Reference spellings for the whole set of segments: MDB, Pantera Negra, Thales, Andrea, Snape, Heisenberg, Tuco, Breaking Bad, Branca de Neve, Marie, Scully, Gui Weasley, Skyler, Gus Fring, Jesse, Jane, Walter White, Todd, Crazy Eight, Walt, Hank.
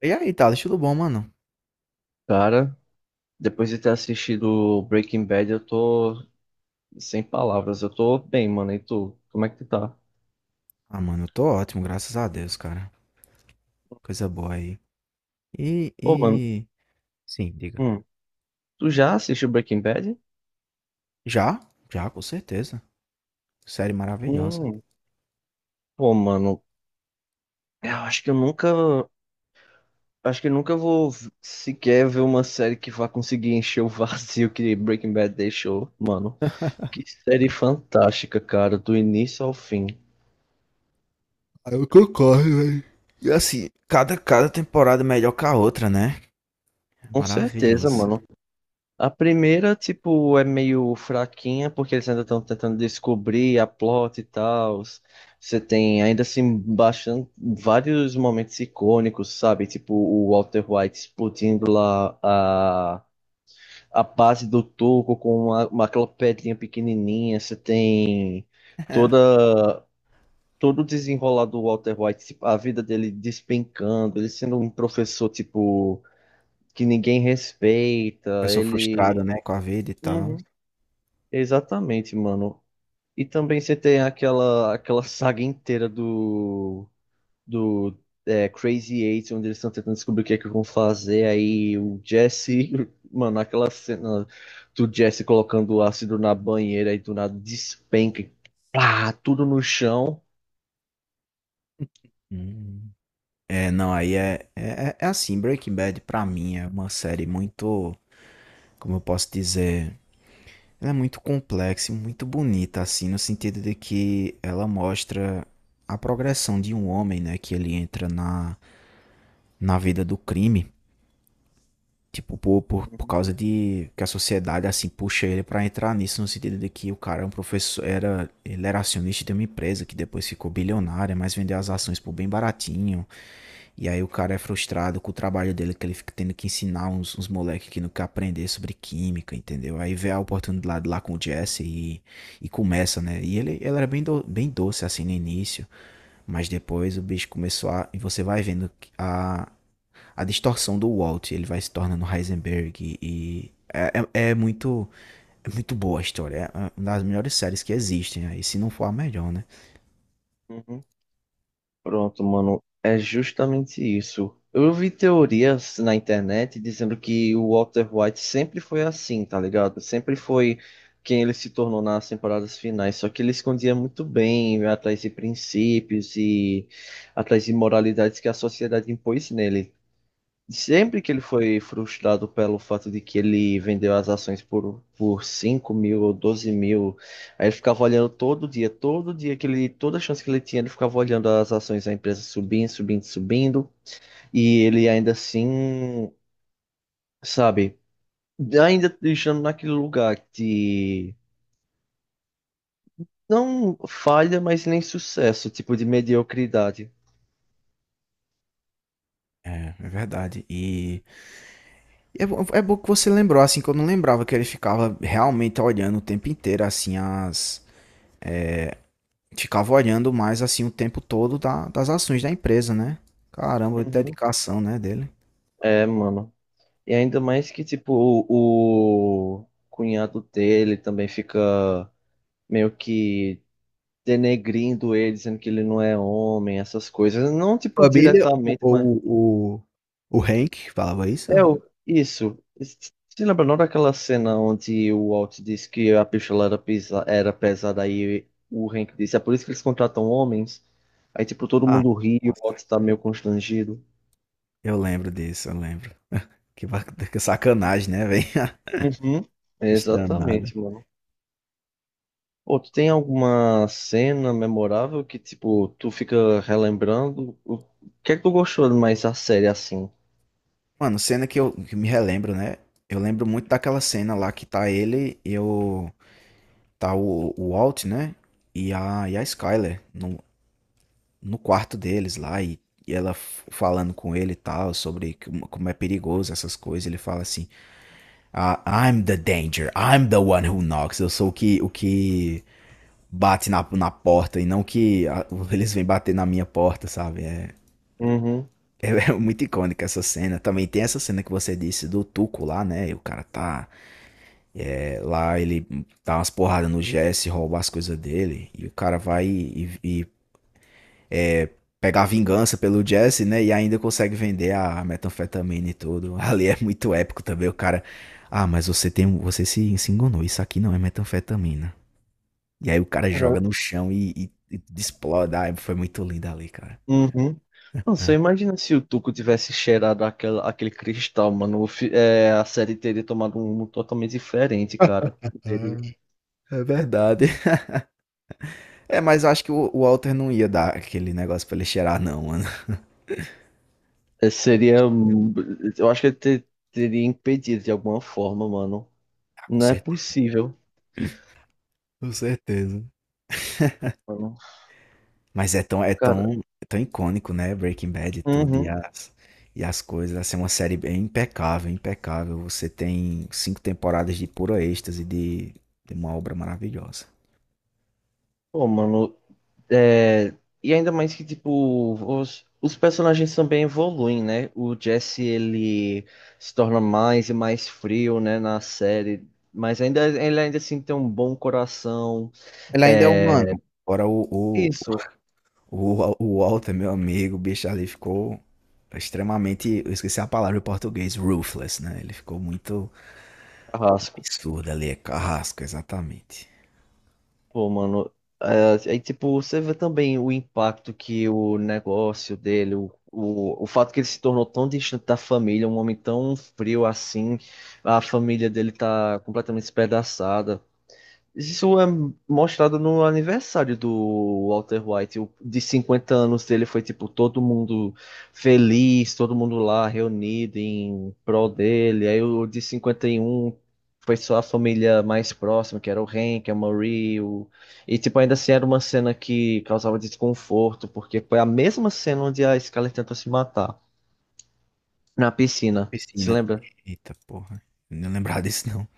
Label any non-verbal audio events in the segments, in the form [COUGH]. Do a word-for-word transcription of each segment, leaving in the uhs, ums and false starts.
E aí, Thales, tudo bom, mano? Cara, depois de ter assistido Breaking Bad, eu tô sem palavras. Eu tô bem, mano. E tu? Como é que tu tá? Ah, mano, eu tô ótimo, graças a Deus, cara. Coisa boa aí. E, Pô, mano, e... Sim, diga. hum, tu já assistiu Breaking Bad? Já? Já, com certeza. Série maravilhosa. Hum, pô, mano, é, eu acho que eu nunca, acho que eu nunca vou v- sequer ver uma série que vá conseguir encher o vazio que Breaking Bad deixou, mano. Que série fantástica, cara, do início ao fim. E assim, cada, cada temporada é melhor que a outra, né? Com certeza, Maravilhoso. mano. A primeira, tipo, é meio fraquinha, porque eles ainda estão tentando descobrir a plot e tal. Você tem ainda assim bastante, vários momentos icônicos, sabe? Tipo, o Walter White explodindo lá a, a base do Tuco com uma, uma aquela pedrinha pequenininha. Você tem [LAUGHS] toda, todo o desenrolar do Walter White, tipo, a vida dele despencando, ele sendo um professor, tipo, que ninguém respeita, Pessoa frustrada, ele. né, com a vida e tal. Uhum. Exatamente, mano. E também você tem aquela, aquela saga inteira do, do é, Crazy Eight, onde eles estão tentando descobrir o que é que vão fazer. Aí o Jesse, [LAUGHS] mano, aquela cena do Jesse colocando o ácido na banheira e do nada despenca, e pá, tudo no chão. Hum. É, não, aí é, é, é é assim, Breaking Bad pra mim é uma série muito, como eu posso dizer. Ela é muito complexa e muito bonita, assim, no sentido de que ela mostra a progressão de um homem, né? Que ele entra na, na, vida do crime. Tipo, por, por, por Uhum, causa de que a sociedade assim puxa ele pra entrar nisso, no sentido de que o cara é um professor, era, ele era acionista de uma empresa que depois ficou bilionária, mas vendeu as ações por bem baratinho. E aí o cara é frustrado com o trabalho dele, que ele fica tendo que ensinar uns, uns, moleques que não quer aprender sobre química, entendeu? Aí vê a oportunidade lá com o Jesse e, e começa, né? E ele, ele, era bem, do, bem doce assim no início, mas depois o bicho começou a. E você vai vendo a, a distorção do Walt, ele vai se tornando Heisenberg e é, é, é muito é muito boa a história, é uma das melhores séries que existem, aí se não for a melhor, né? uhum. Pronto, mano, é justamente isso. Eu vi teorias na internet dizendo que o Walter White sempre foi assim, tá ligado? Sempre foi quem ele se tornou nas temporadas finais, só que ele escondia muito bem atrás de princípios e atrás de moralidades que a sociedade impôs nele. Sempre que ele foi frustrado pelo fato de que ele vendeu as ações por, por cinco mil ou doze mil, aí ele ficava olhando todo dia, todo dia que ele, toda chance que ele tinha, ele ficava olhando as ações da empresa subindo, subindo, subindo, e ele ainda assim, sabe, ainda deixando naquele lugar de não falha, mas nem sucesso, tipo de mediocridade. É, é verdade. E é, é bom que você lembrou, assim, que eu não lembrava que ele ficava realmente olhando o tempo inteiro, assim, as é, ficava olhando mais assim o tempo todo da- das ações da empresa, né? Caramba, Uhum. dedicação, né, dele. É, mano. E ainda mais que, tipo, o, o cunhado dele também fica meio que denegrindo ele, dizendo que ele não é homem, essas coisas. Não, tipo, Família, o, diretamente, mas. o, o, o Hank falava isso? É, o- isso. Você lembra não daquela cena onde o Walt disse que a pistola era, pesa- era pesada, aí o Hank disse, é por isso que eles contratam homens? Aí, tipo, todo Ah, mundo ri, o nossa. Walt tá meio constrangido. Eu lembro disso, eu lembro. Que, ba- [LAUGHS] que sacanagem, né, velho? Uhum. [LAUGHS] Danada. Exatamente, mano. Ou tu tem alguma cena memorável que, tipo, tu fica relembrando? O que é que tu gostou mais da série assim? Mano, cena que eu que me relembro, né? Eu lembro muito daquela cena lá que tá ele e o. Tá o, o Walt, né? E a, e a Skyler no, no, quarto deles lá. E, e ela f- falando com ele e tal, sobre como como é perigoso essas coisas. Ele fala assim: "Ah, I'm the danger, I'm the one who knocks. Eu sou o que, o que bate na, na porta e não que ah, [LAUGHS] eles vêm bater na minha porta, sabe? É. Uhum. [LAUGHS] É é muito icônica essa cena. Também tem essa cena que você disse do Tuco lá, né? E o cara tá é, lá, ele dá umas porradas no Jesse, rouba as coisas dele. E o cara vai e, e pegar vingança pelo Jesse, né? E ainda consegue vender a metanfetamina e tudo. [LAUGHS] Ali é muito épico também. O cara, ah, mas você tem, um- você se, se enganou. Isso aqui não é metanfetamina. E aí o cara joga Cara, no chão e, e, e explode. Ah, foi muito lindo ali, cara. uhum. Não, você É. imagina se o Tuco tivesse cheirado aquela, aquele cristal, mano. O fi- é, a série teria tomado um rumo totalmente diferente, cara. Teria, [LAUGHS] Ah, é verdade. É, mas eu acho que o o Walter não ia dar aquele negócio pra ele cheirar não, mano. [LAUGHS] é, Eu acho seria. que não. hum, Eu acho que ele te- teria impedido de alguma forma, mano. Ah, com Não é certeza. possível, Com certeza. mano. Mas é tão, é Cara, tão, é tão icônico, né? Breaking Bad e tudo, e uhum. as, e as coisas. Assim, é uma série bem impecável, impecável. Você tem cinco temporadas de puro êxtase, de, de uma obra maravilhosa. Pô, mano, É, e ainda mais que, tipo, os, os personagens também evoluem, né? O Jesse, ele se torna mais e mais frio, né, na série. Mas ainda, ele ainda assim tem um bom coração. Ele ainda é É, humano. Agora o, o, isso, o, o Walter, meu amigo, o bicho ali ficou extremamente. Eu esqueci a palavra em português, ruthless, né? Ele ficou muito, Carrasco. absurda ali, é carrasco, exatamente. Pô, mano. É, aí, tipo, você vê também o impacto que o negócio dele, o, o, o fato que ele se tornou tão distante da família, um homem tão frio assim, a família dele tá completamente despedaçada. Isso é mostrado no aniversário do Walter White, o- de cinquenta anos dele foi tipo todo mundo feliz, todo mundo lá reunido em prol dele. Aí o de cinquenta e um foi só a família mais próxima, que era o Hank, a Marie, o... e tipo ainda assim era uma cena que causava desconforto, porque foi a mesma cena onde a Scully tentou se matar na piscina. Se Piscina. lembra? Eita porra. Não lembrava disso não.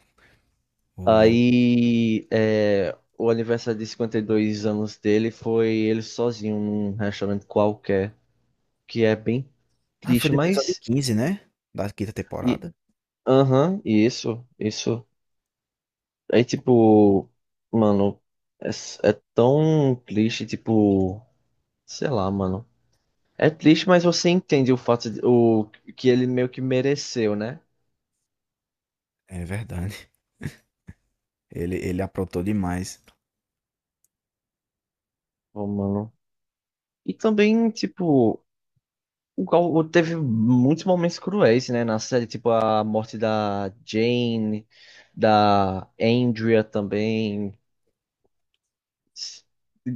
Ô louco. Aí, é, o aniversário de cinquenta e dois anos dele foi ele sozinho num restaurante qualquer, que é bem Ah, foi triste, do episódio mas. quinze, né? Da quinta E, temporada. aham, e isso, isso. Aí, tipo, mano, é, s- é tão triste, tipo, sei lá, mano. É triste, mas você entende o fato de, o, que ele meio que mereceu, né? É verdade. Ele, ele aprontou demais. Ô, mano. E também, tipo. O Gal teve muitos momentos cruéis, né, na série, tipo a morte da Jane, da Andrea também.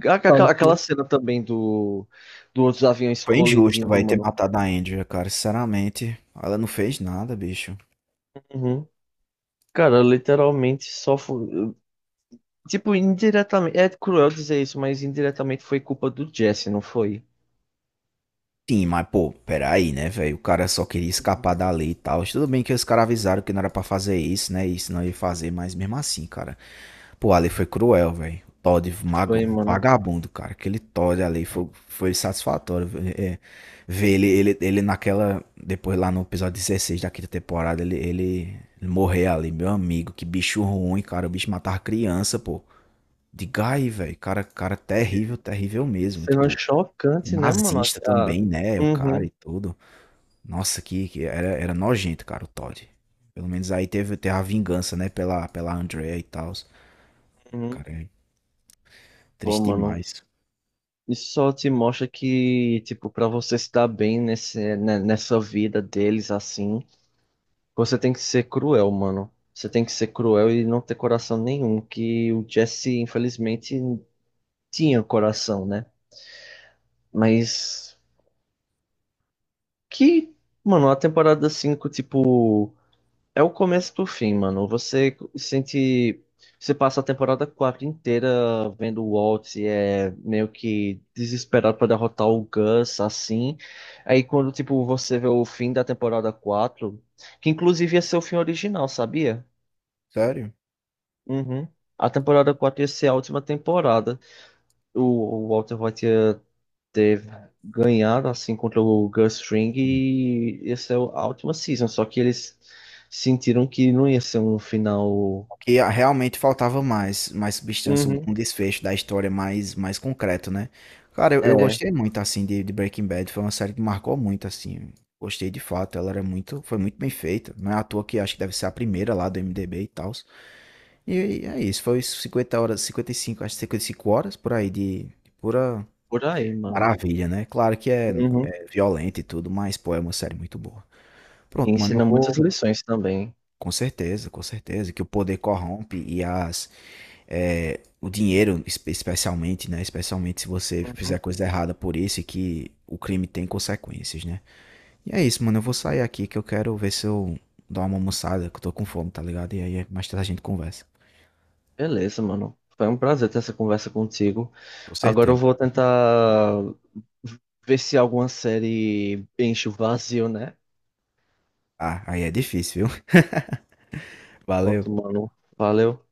A- Total, aquela aquela pô. cena também do, do outros aviões Foi injusto, colidindo, vai ter mano. matado a Andrea, cara. Sinceramente, ela não fez nada, bicho. Uhum. Cara, literalmente só foi. Tipo, indiretamente. É cruel dizer isso, mas indiretamente foi culpa do Jesse, não foi? Sim, mas pô, peraí, né, velho? O cara só queria Uhum. escapar da lei e tal. Tudo bem que os caras avisaram que não era pra fazer isso, né? Isso não ia fazer, mas mesmo assim, cara. Pô, a lei foi cruel, velho. O Todd, mago- Foi, mano. vagabundo, cara. Aquele Todd ali foi, foi satisfatório. vé- é. Ver ele, ele, ele naquela. Depois lá no episódio dezesseis da quinta temporada, ele, ele, ele morrer ali, meu amigo. Que bicho ruim, cara. O bicho matava criança, pô. De Guy, velho. Cara, cara terrível, terrível mesmo. Cena Tipo. chocante, né, mano? Nazista A... a- também, né? O Uhum, cara e tudo. Nossa, que, que era, era nojento, cara, o Todd. Pelo menos aí teve, teve a vingança, né? Pela, pela Andrea e tal. uhum. Cara, é Pô, triste mano. demais. Isso só te mostra que, tipo, para você se dar bem nesse, né, nessa vida deles assim, você tem que ser cruel, mano. Você tem que ser cruel e não ter coração nenhum, que o Jesse, infelizmente, tinha coração, né? Mas que, mano, a temporada cinco tipo. É o começo do fim, mano. Você sente. Você passa a temporada quatro inteira vendo o Walt é meio que desesperado pra derrotar o Gus, assim. Aí quando, tipo, você vê o fim da temporada quatro, que inclusive ia ser o fim original, sabia? Sério? Uhum. A temporada quatro ia ser a última temporada. O, o Walter White ia ter ganhado, assim, contra o Gus Fring Hum. e ia ser a última season. Só que eles sentiram que não ia ser um final. Que ah, realmente faltava mais, mais substância, um Uhum. desfecho da história mais, mais concreto, né? Cara, eu, eu É, gostei muito, assim, de, de Breaking Bad. Foi uma série que marcou muito, assim. Gostei de fato. Ela era muito, foi muito bem feita. Não é à toa que acho que deve ser a primeira lá do M D B e tal. E é isso, foi cinquenta horas, cinquenta e cinco acho que cinquenta e cinco horas por aí de, de pura por aí, mano. maravilha, né? Claro que é, Uhum. é violento e tudo, mas pô, é uma série muito boa. E Pronto, mano, eu ensina muitas vou, lições também. com certeza, com certeza, que o poder corrompe e as, é, o dinheiro, espe- especialmente, né? Especialmente se você Uhum. fizer coisa errada por isso e que o crime tem consequências, né? E é isso, mano, eu vou sair aqui que eu quero ver se eu dou uma almoçada, que eu tô com fome, tá ligado? E aí mais tarde a gente conversa. Beleza, mano. Foi um prazer ter essa conversa contigo. Com Agora eu certeza. vou tentar ver se alguma série enche o vazio, né? Ah, aí é difícil, viu? [LAUGHS] Valeu. Pronto, mano. Valeu.